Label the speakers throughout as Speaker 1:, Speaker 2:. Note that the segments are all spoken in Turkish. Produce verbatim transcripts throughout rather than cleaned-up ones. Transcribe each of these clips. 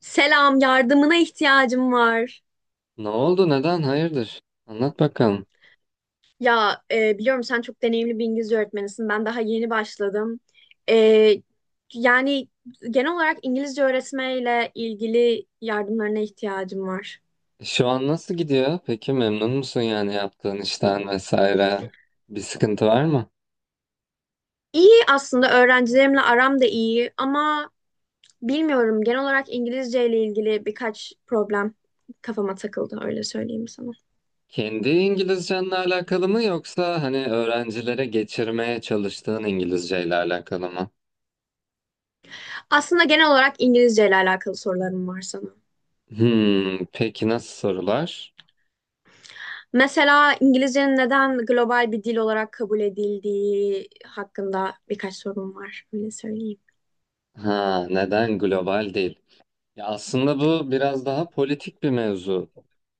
Speaker 1: Selam, yardımına ihtiyacım var.
Speaker 2: Ne oldu? Neden? Hayırdır? Anlat bakalım.
Speaker 1: Ya e, biliyorum sen çok deneyimli bir İngilizce öğretmenisin. Ben daha yeni başladım. E, yani genel olarak İngilizce öğretmeyle ilgili yardımlarına ihtiyacım var.
Speaker 2: E, Şu an nasıl gidiyor? Peki memnun musun yani yaptığın işten vesaire? Bir sıkıntı var mı?
Speaker 1: İyi aslında öğrencilerimle aram da iyi ama bilmiyorum genel olarak İngilizce ile ilgili birkaç problem kafama takıldı öyle söyleyeyim sana.
Speaker 2: Kendi İngilizcenle alakalı mı yoksa hani öğrencilere geçirmeye çalıştığın İngilizceyle alakalı mı?
Speaker 1: Aslında genel olarak İngilizce ile alakalı sorularım var sana.
Speaker 2: Hmm, peki nasıl sorular?
Speaker 1: Mesela İngilizcenin neden global bir dil olarak kabul edildiği hakkında birkaç sorum var. Öyle söyleyeyim.
Speaker 2: Ha, neden global değil? Ya aslında bu biraz daha politik bir mevzu.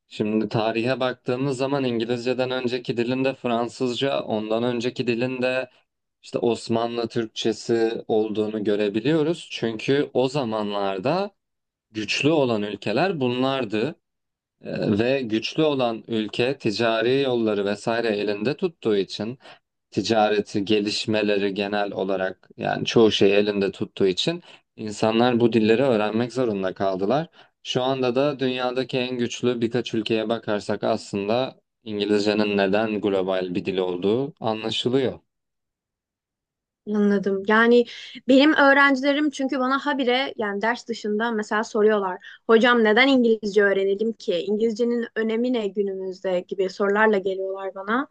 Speaker 2: Şimdi tarihe baktığımız zaman İngilizceden önceki dilinde Fransızca, ondan önceki dilinde işte Osmanlı Türkçesi olduğunu görebiliyoruz. Çünkü o zamanlarda güçlü olan ülkeler bunlardı. Ee, ve güçlü olan ülke ticari yolları vesaire elinde tuttuğu için ticareti, gelişmeleri genel olarak yani çoğu şeyi elinde tuttuğu için insanlar bu dilleri öğrenmek zorunda kaldılar. Şu anda da dünyadaki en güçlü birkaç ülkeye bakarsak aslında İngilizcenin neden global bir dil olduğu anlaşılıyor.
Speaker 1: Anladım. Yani benim öğrencilerim çünkü bana habire yani ders dışında mesela soruyorlar. Hocam neden İngilizce öğrenelim ki? İngilizcenin önemi ne günümüzde gibi sorularla geliyorlar bana.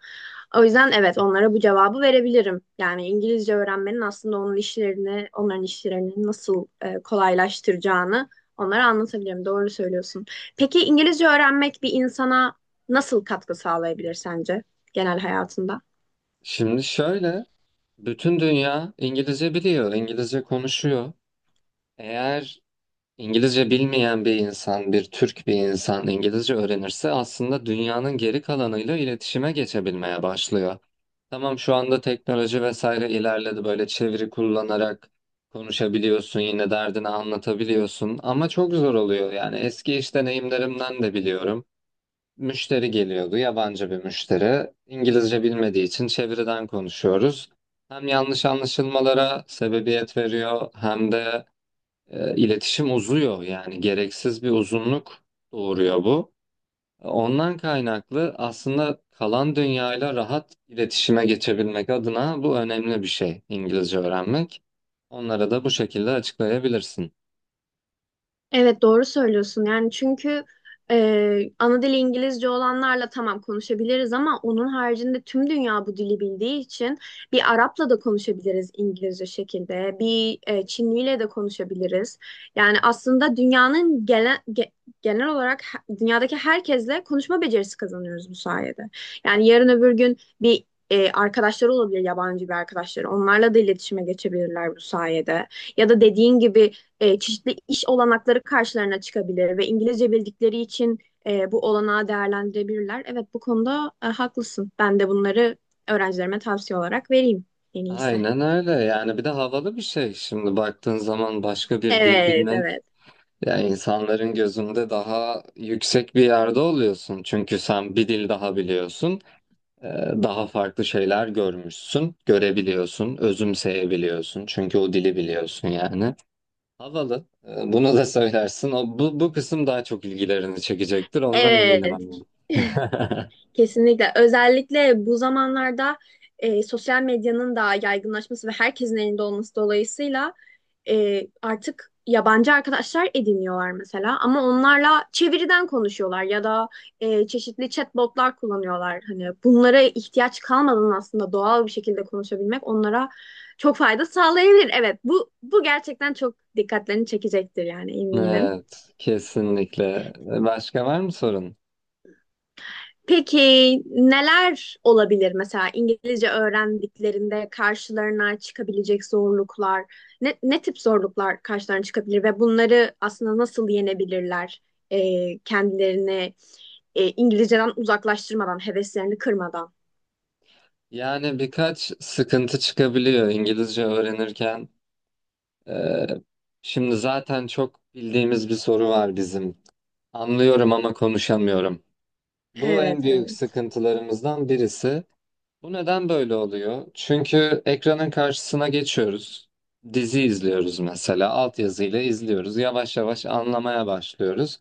Speaker 1: O yüzden evet onlara bu cevabı verebilirim. Yani İngilizce öğrenmenin aslında onun işlerini, onların işlerini nasıl e, kolaylaştıracağını onlara anlatabilirim. Doğru söylüyorsun. Peki İngilizce öğrenmek bir insana nasıl katkı sağlayabilir sence genel hayatında?
Speaker 2: Şimdi şöyle, bütün dünya İngilizce biliyor, İngilizce konuşuyor. Eğer İngilizce bilmeyen bir insan, bir Türk bir insan İngilizce öğrenirse aslında dünyanın geri kalanıyla iletişime geçebilmeye başlıyor. Tamam şu anda teknoloji vesaire ilerledi böyle çeviri kullanarak konuşabiliyorsun yine derdini anlatabiliyorsun ama çok zor oluyor yani eski iş deneyimlerimden de biliyorum. Müşteri geliyordu yabancı bir müşteri İngilizce bilmediği için çeviriden konuşuyoruz. Hem yanlış anlaşılmalara sebebiyet veriyor hem de e, iletişim uzuyor yani gereksiz bir uzunluk doğuruyor bu. Ondan kaynaklı aslında kalan dünyayla rahat iletişime geçebilmek adına bu önemli bir şey İngilizce öğrenmek. Onlara da bu şekilde açıklayabilirsin.
Speaker 1: Evet doğru söylüyorsun yani çünkü e, ana dili İngilizce olanlarla tamam konuşabiliriz ama onun haricinde tüm dünya bu dili bildiği için bir Arap'la da konuşabiliriz İngilizce şekilde bir e, Çinliyle de konuşabiliriz yani aslında dünyanın gene- ge- genel olarak he- dünyadaki herkesle konuşma becerisi kazanıyoruz bu sayede yani yarın öbür gün bir e, arkadaşları olabilir yabancı bir arkadaşları onlarla da iletişime geçebilirler bu sayede ya da dediğin gibi e, çeşitli iş olanakları karşılarına çıkabilir ve İngilizce bildikleri için e, bu olanağı değerlendirebilirler. Evet bu konuda e, haklısın. Ben de bunları öğrencilerime tavsiye olarak vereyim en iyisi.
Speaker 2: Aynen öyle yani bir de havalı bir şey şimdi baktığın zaman başka bir dil
Speaker 1: Evet,
Speaker 2: bilmek
Speaker 1: evet.
Speaker 2: ya insanların gözünde daha yüksek bir yerde oluyorsun çünkü sen bir dil daha biliyorsun. Ee, daha farklı şeyler görmüşsün, görebiliyorsun, özümseyebiliyorsun. Çünkü o dili biliyorsun yani. Havalı. Ee, Bunu da söylersin. O, bu, bu kısım daha çok ilgilerini çekecektir. Ondan eminim
Speaker 1: Evet.
Speaker 2: ama.
Speaker 1: Kesinlikle. Özellikle bu zamanlarda e, sosyal medyanın da yaygınlaşması ve herkesin elinde olması dolayısıyla e, artık yabancı arkadaşlar ediniyorlar mesela ama onlarla çeviriden konuşuyorlar ya da e, çeşitli chatbotlar kullanıyorlar. Hani bunlara ihtiyaç kalmadan aslında doğal bir şekilde konuşabilmek onlara çok fayda sağlayabilir. Evet, bu bu gerçekten çok dikkatlerini çekecektir yani eminim.
Speaker 2: Evet, kesinlikle. Başka var mı sorun?
Speaker 1: Peki neler olabilir mesela İngilizce öğrendiklerinde karşılarına çıkabilecek zorluklar, ne, ne tip zorluklar karşılarına çıkabilir ve bunları aslında nasıl yenebilirler e, kendilerini e, İngilizceden uzaklaştırmadan, heveslerini kırmadan?
Speaker 2: Yani birkaç sıkıntı çıkabiliyor İngilizce öğrenirken. Ee, şimdi zaten çok bildiğimiz bir soru var bizim. Anlıyorum ama konuşamıyorum. Bu
Speaker 1: Evet,
Speaker 2: en büyük
Speaker 1: evet.
Speaker 2: sıkıntılarımızdan birisi. Bu neden böyle oluyor? Çünkü ekranın karşısına geçiyoruz. Dizi izliyoruz mesela. Altyazıyla izliyoruz. Yavaş yavaş anlamaya başlıyoruz.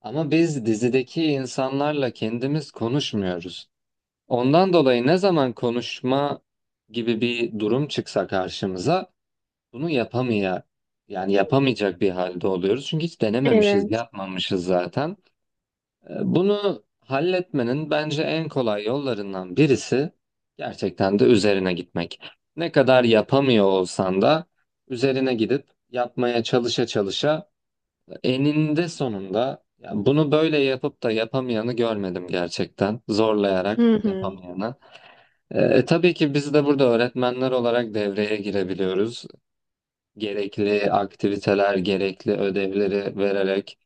Speaker 2: Ama biz dizideki insanlarla kendimiz konuşmuyoruz. Ondan dolayı ne zaman konuşma gibi bir durum çıksa karşımıza bunu yapamaya yani yapamayacak bir halde oluyoruz. Çünkü hiç denememişiz,
Speaker 1: Evet.
Speaker 2: yapmamışız zaten. Ee, Bunu halletmenin bence en kolay yollarından birisi gerçekten de üzerine gitmek. Ne kadar yapamıyor olsan da üzerine gidip yapmaya çalışa çalışa eninde sonunda ya bunu böyle yapıp da yapamayanı görmedim gerçekten. Zorlayarak
Speaker 1: Hı hı.
Speaker 2: yapamayanı. Ee, e, tabii ki biz de burada öğretmenler olarak devreye girebiliyoruz. Gerekli aktiviteler, gerekli ödevleri vererek.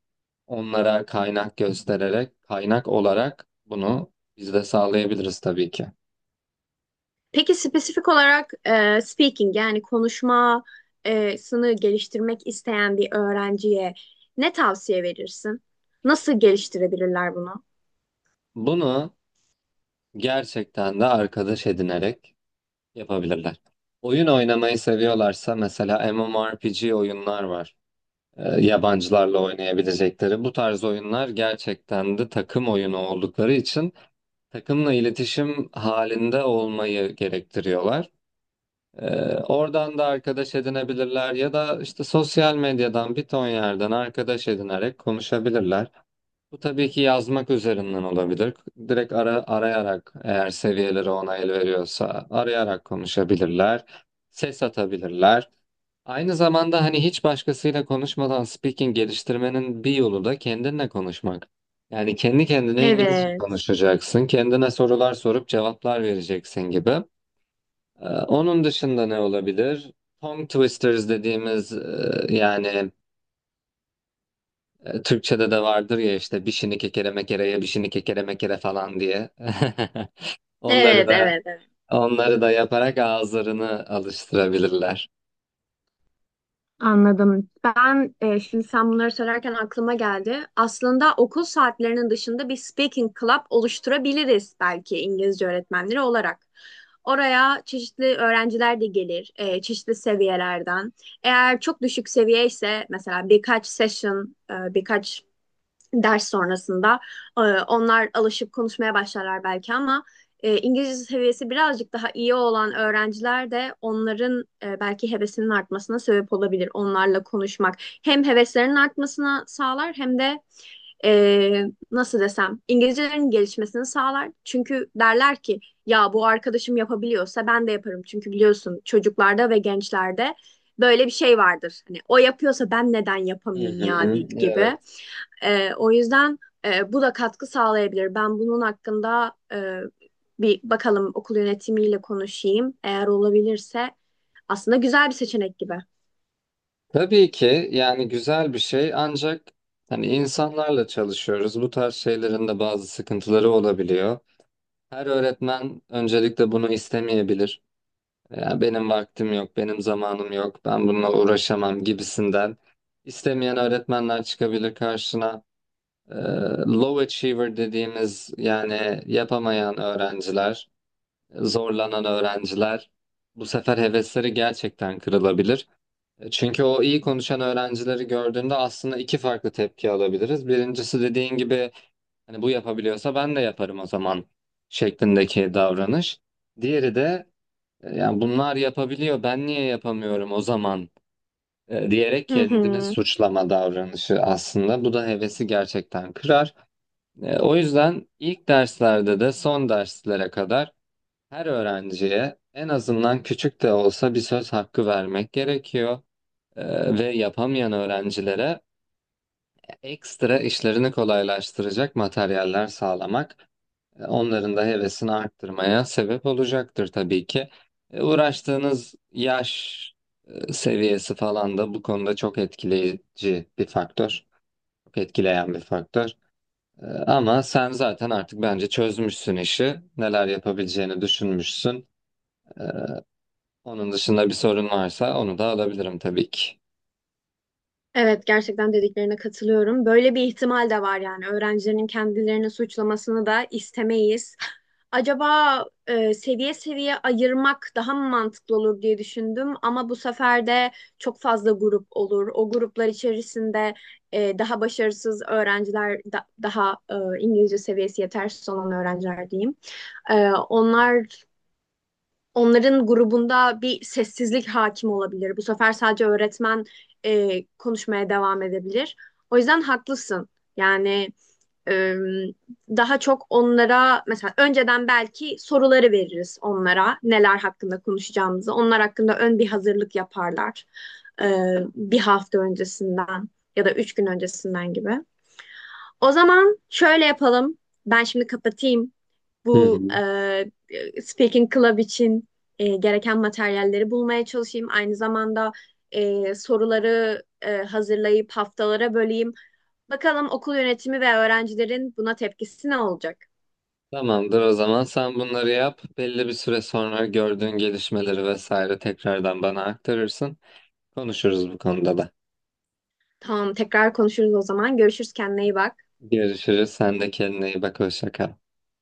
Speaker 2: Onlara kaynak göstererek, kaynak olarak bunu biz de sağlayabiliriz tabii ki.
Speaker 1: Peki spesifik olarak e, speaking yani konuşmasını geliştirmek isteyen bir öğrenciye ne tavsiye verirsin? Nasıl geliştirebilirler bunu?
Speaker 2: Bunu gerçekten de arkadaş edinerek yapabilirler. Oyun oynamayı seviyorlarsa mesela MMORPG oyunlar var. Ee, yabancılarla oynayabilecekleri. Bu tarz oyunlar gerçekten de takım oyunu oldukları için takımla iletişim halinde olmayı gerektiriyorlar. Ee, oradan da arkadaş edinebilirler ya da işte sosyal medyadan bir ton yerden arkadaş edinerek konuşabilirler. Bu tabii ki yazmak üzerinden olabilir. Direkt ara, arayarak eğer seviyeleri ona el veriyorsa arayarak konuşabilirler. Ses atabilirler. Aynı zamanda hani hiç başkasıyla konuşmadan speaking geliştirmenin bir yolu da kendinle konuşmak. Yani kendi kendine İngilizce
Speaker 1: Evet.
Speaker 2: konuşacaksın, kendine sorular sorup cevaplar vereceksin gibi. Ee, Onun dışında ne olabilir? Tongue twisters dediğimiz e, yani e, Türkçe'de de vardır ya işte bişini kekere mekereye bişini kekere mekere falan diye. Onları
Speaker 1: Evet,
Speaker 2: da
Speaker 1: evet, evet.
Speaker 2: onları da yaparak ağızlarını alıştırabilirler.
Speaker 1: Anladım. Ben e, şimdi sen bunları söylerken aklıma geldi. Aslında okul saatlerinin dışında bir speaking club oluşturabiliriz belki İngilizce öğretmenleri olarak. Oraya çeşitli öğrenciler de gelir, e, çeşitli seviyelerden. Eğer çok düşük seviye ise mesela birkaç session, e, birkaç ders sonrasında. Ee, Onlar alışıp konuşmaya başlarlar belki ama e, İngilizce seviyesi birazcık daha iyi olan öğrenciler de onların e, belki hevesinin artmasına sebep olabilir. Onlarla konuşmak hem heveslerinin artmasına sağlar hem de e, nasıl desem İngilizcelerinin gelişmesini sağlar. Çünkü derler ki ya bu arkadaşım yapabiliyorsa ben de yaparım. Çünkü biliyorsun çocuklarda ve gençlerde böyle bir şey vardır. Hani o yapıyorsa ben neden
Speaker 2: Hı
Speaker 1: yapamayayım ya
Speaker 2: hı,
Speaker 1: di-
Speaker 2: evet.
Speaker 1: gibi. E, o yüzden e, bu da katkı sağlayabilir. Ben bunun hakkında e, bir bakalım okul yönetimiyle konuşayım. Eğer olabilirse aslında güzel bir seçenek gibi.
Speaker 2: Tabii ki yani güzel bir şey ancak hani insanlarla çalışıyoruz. Bu tarz şeylerin de bazı sıkıntıları olabiliyor. Her öğretmen öncelikle bunu istemeyebilir. Ya benim vaktim yok, benim zamanım yok, ben bununla uğraşamam gibisinden. İstemeyen öğretmenler çıkabilir karşına. Ee, low achiever dediğimiz yani yapamayan öğrenciler, zorlanan öğrenciler bu sefer hevesleri gerçekten kırılabilir. E, Çünkü o iyi konuşan öğrencileri gördüğünde aslında iki farklı tepki alabiliriz. Birincisi dediğin gibi hani bu yapabiliyorsa ben de yaparım o zaman şeklindeki davranış. Diğeri de yani bunlar yapabiliyor, ben niye yapamıyorum o zaman e, diyerek
Speaker 1: Hı
Speaker 2: kendini
Speaker 1: hı.
Speaker 2: suçlama davranışı aslında. Bu da hevesi gerçekten kırar. E, O yüzden ilk derslerde de son derslere kadar her öğrenciye en azından küçük de olsa bir söz hakkı vermek gerekiyor. E, Ve yapamayan öğrencilere ekstra işlerini kolaylaştıracak materyaller sağlamak. E, Onların da hevesini arttırmaya sebep olacaktır tabii ki. E, Uğraştığınız yaş e, seviyesi falan da bu konuda çok etkileyici bir faktör. Çok etkileyen bir faktör. E, Ama sen zaten artık bence çözmüşsün işi. Neler yapabileceğini düşünmüşsün. E, Onun dışında bir sorun varsa onu da alabilirim tabii ki.
Speaker 1: Evet, gerçekten dediklerine katılıyorum. Böyle bir ihtimal de var yani. Öğrencilerin kendilerini suçlamasını da istemeyiz. Acaba e, seviye seviye ayırmak daha mı mantıklı olur diye düşündüm ama bu sefer de çok fazla grup olur. O gruplar içerisinde e, daha başarısız öğrenciler, da- daha e, İngilizce seviyesi yetersiz olan öğrenciler diyeyim. E, onlar Onların grubunda bir sessizlik hakim olabilir. Bu sefer sadece öğretmen e, konuşmaya devam edebilir. O yüzden haklısın. Yani e, daha çok onlara mesela önceden belki soruları veririz onlara neler hakkında konuşacağımızı. Onlar hakkında ön bir hazırlık yaparlar e, bir hafta öncesinden ya da üç gün öncesinden gibi. O zaman şöyle yapalım. Ben şimdi kapatayım
Speaker 2: Hı hı.
Speaker 1: bu e, speaking club için e, gereken materyalleri bulmaya çalışayım. Aynı zamanda e, soruları e, hazırlayıp haftalara böleyim. Bakalım okul yönetimi ve öğrencilerin buna tepkisi ne olacak?
Speaker 2: Tamamdır o zaman sen bunları yap. Belli bir süre sonra gördüğün gelişmeleri vesaire tekrardan bana aktarırsın. Konuşuruz bu konuda da.
Speaker 1: Tamam, tekrar konuşuruz o zaman. Görüşürüz, kendine iyi bak.
Speaker 2: Görüşürüz. Sen de kendine iyi bak. Hoşça kal.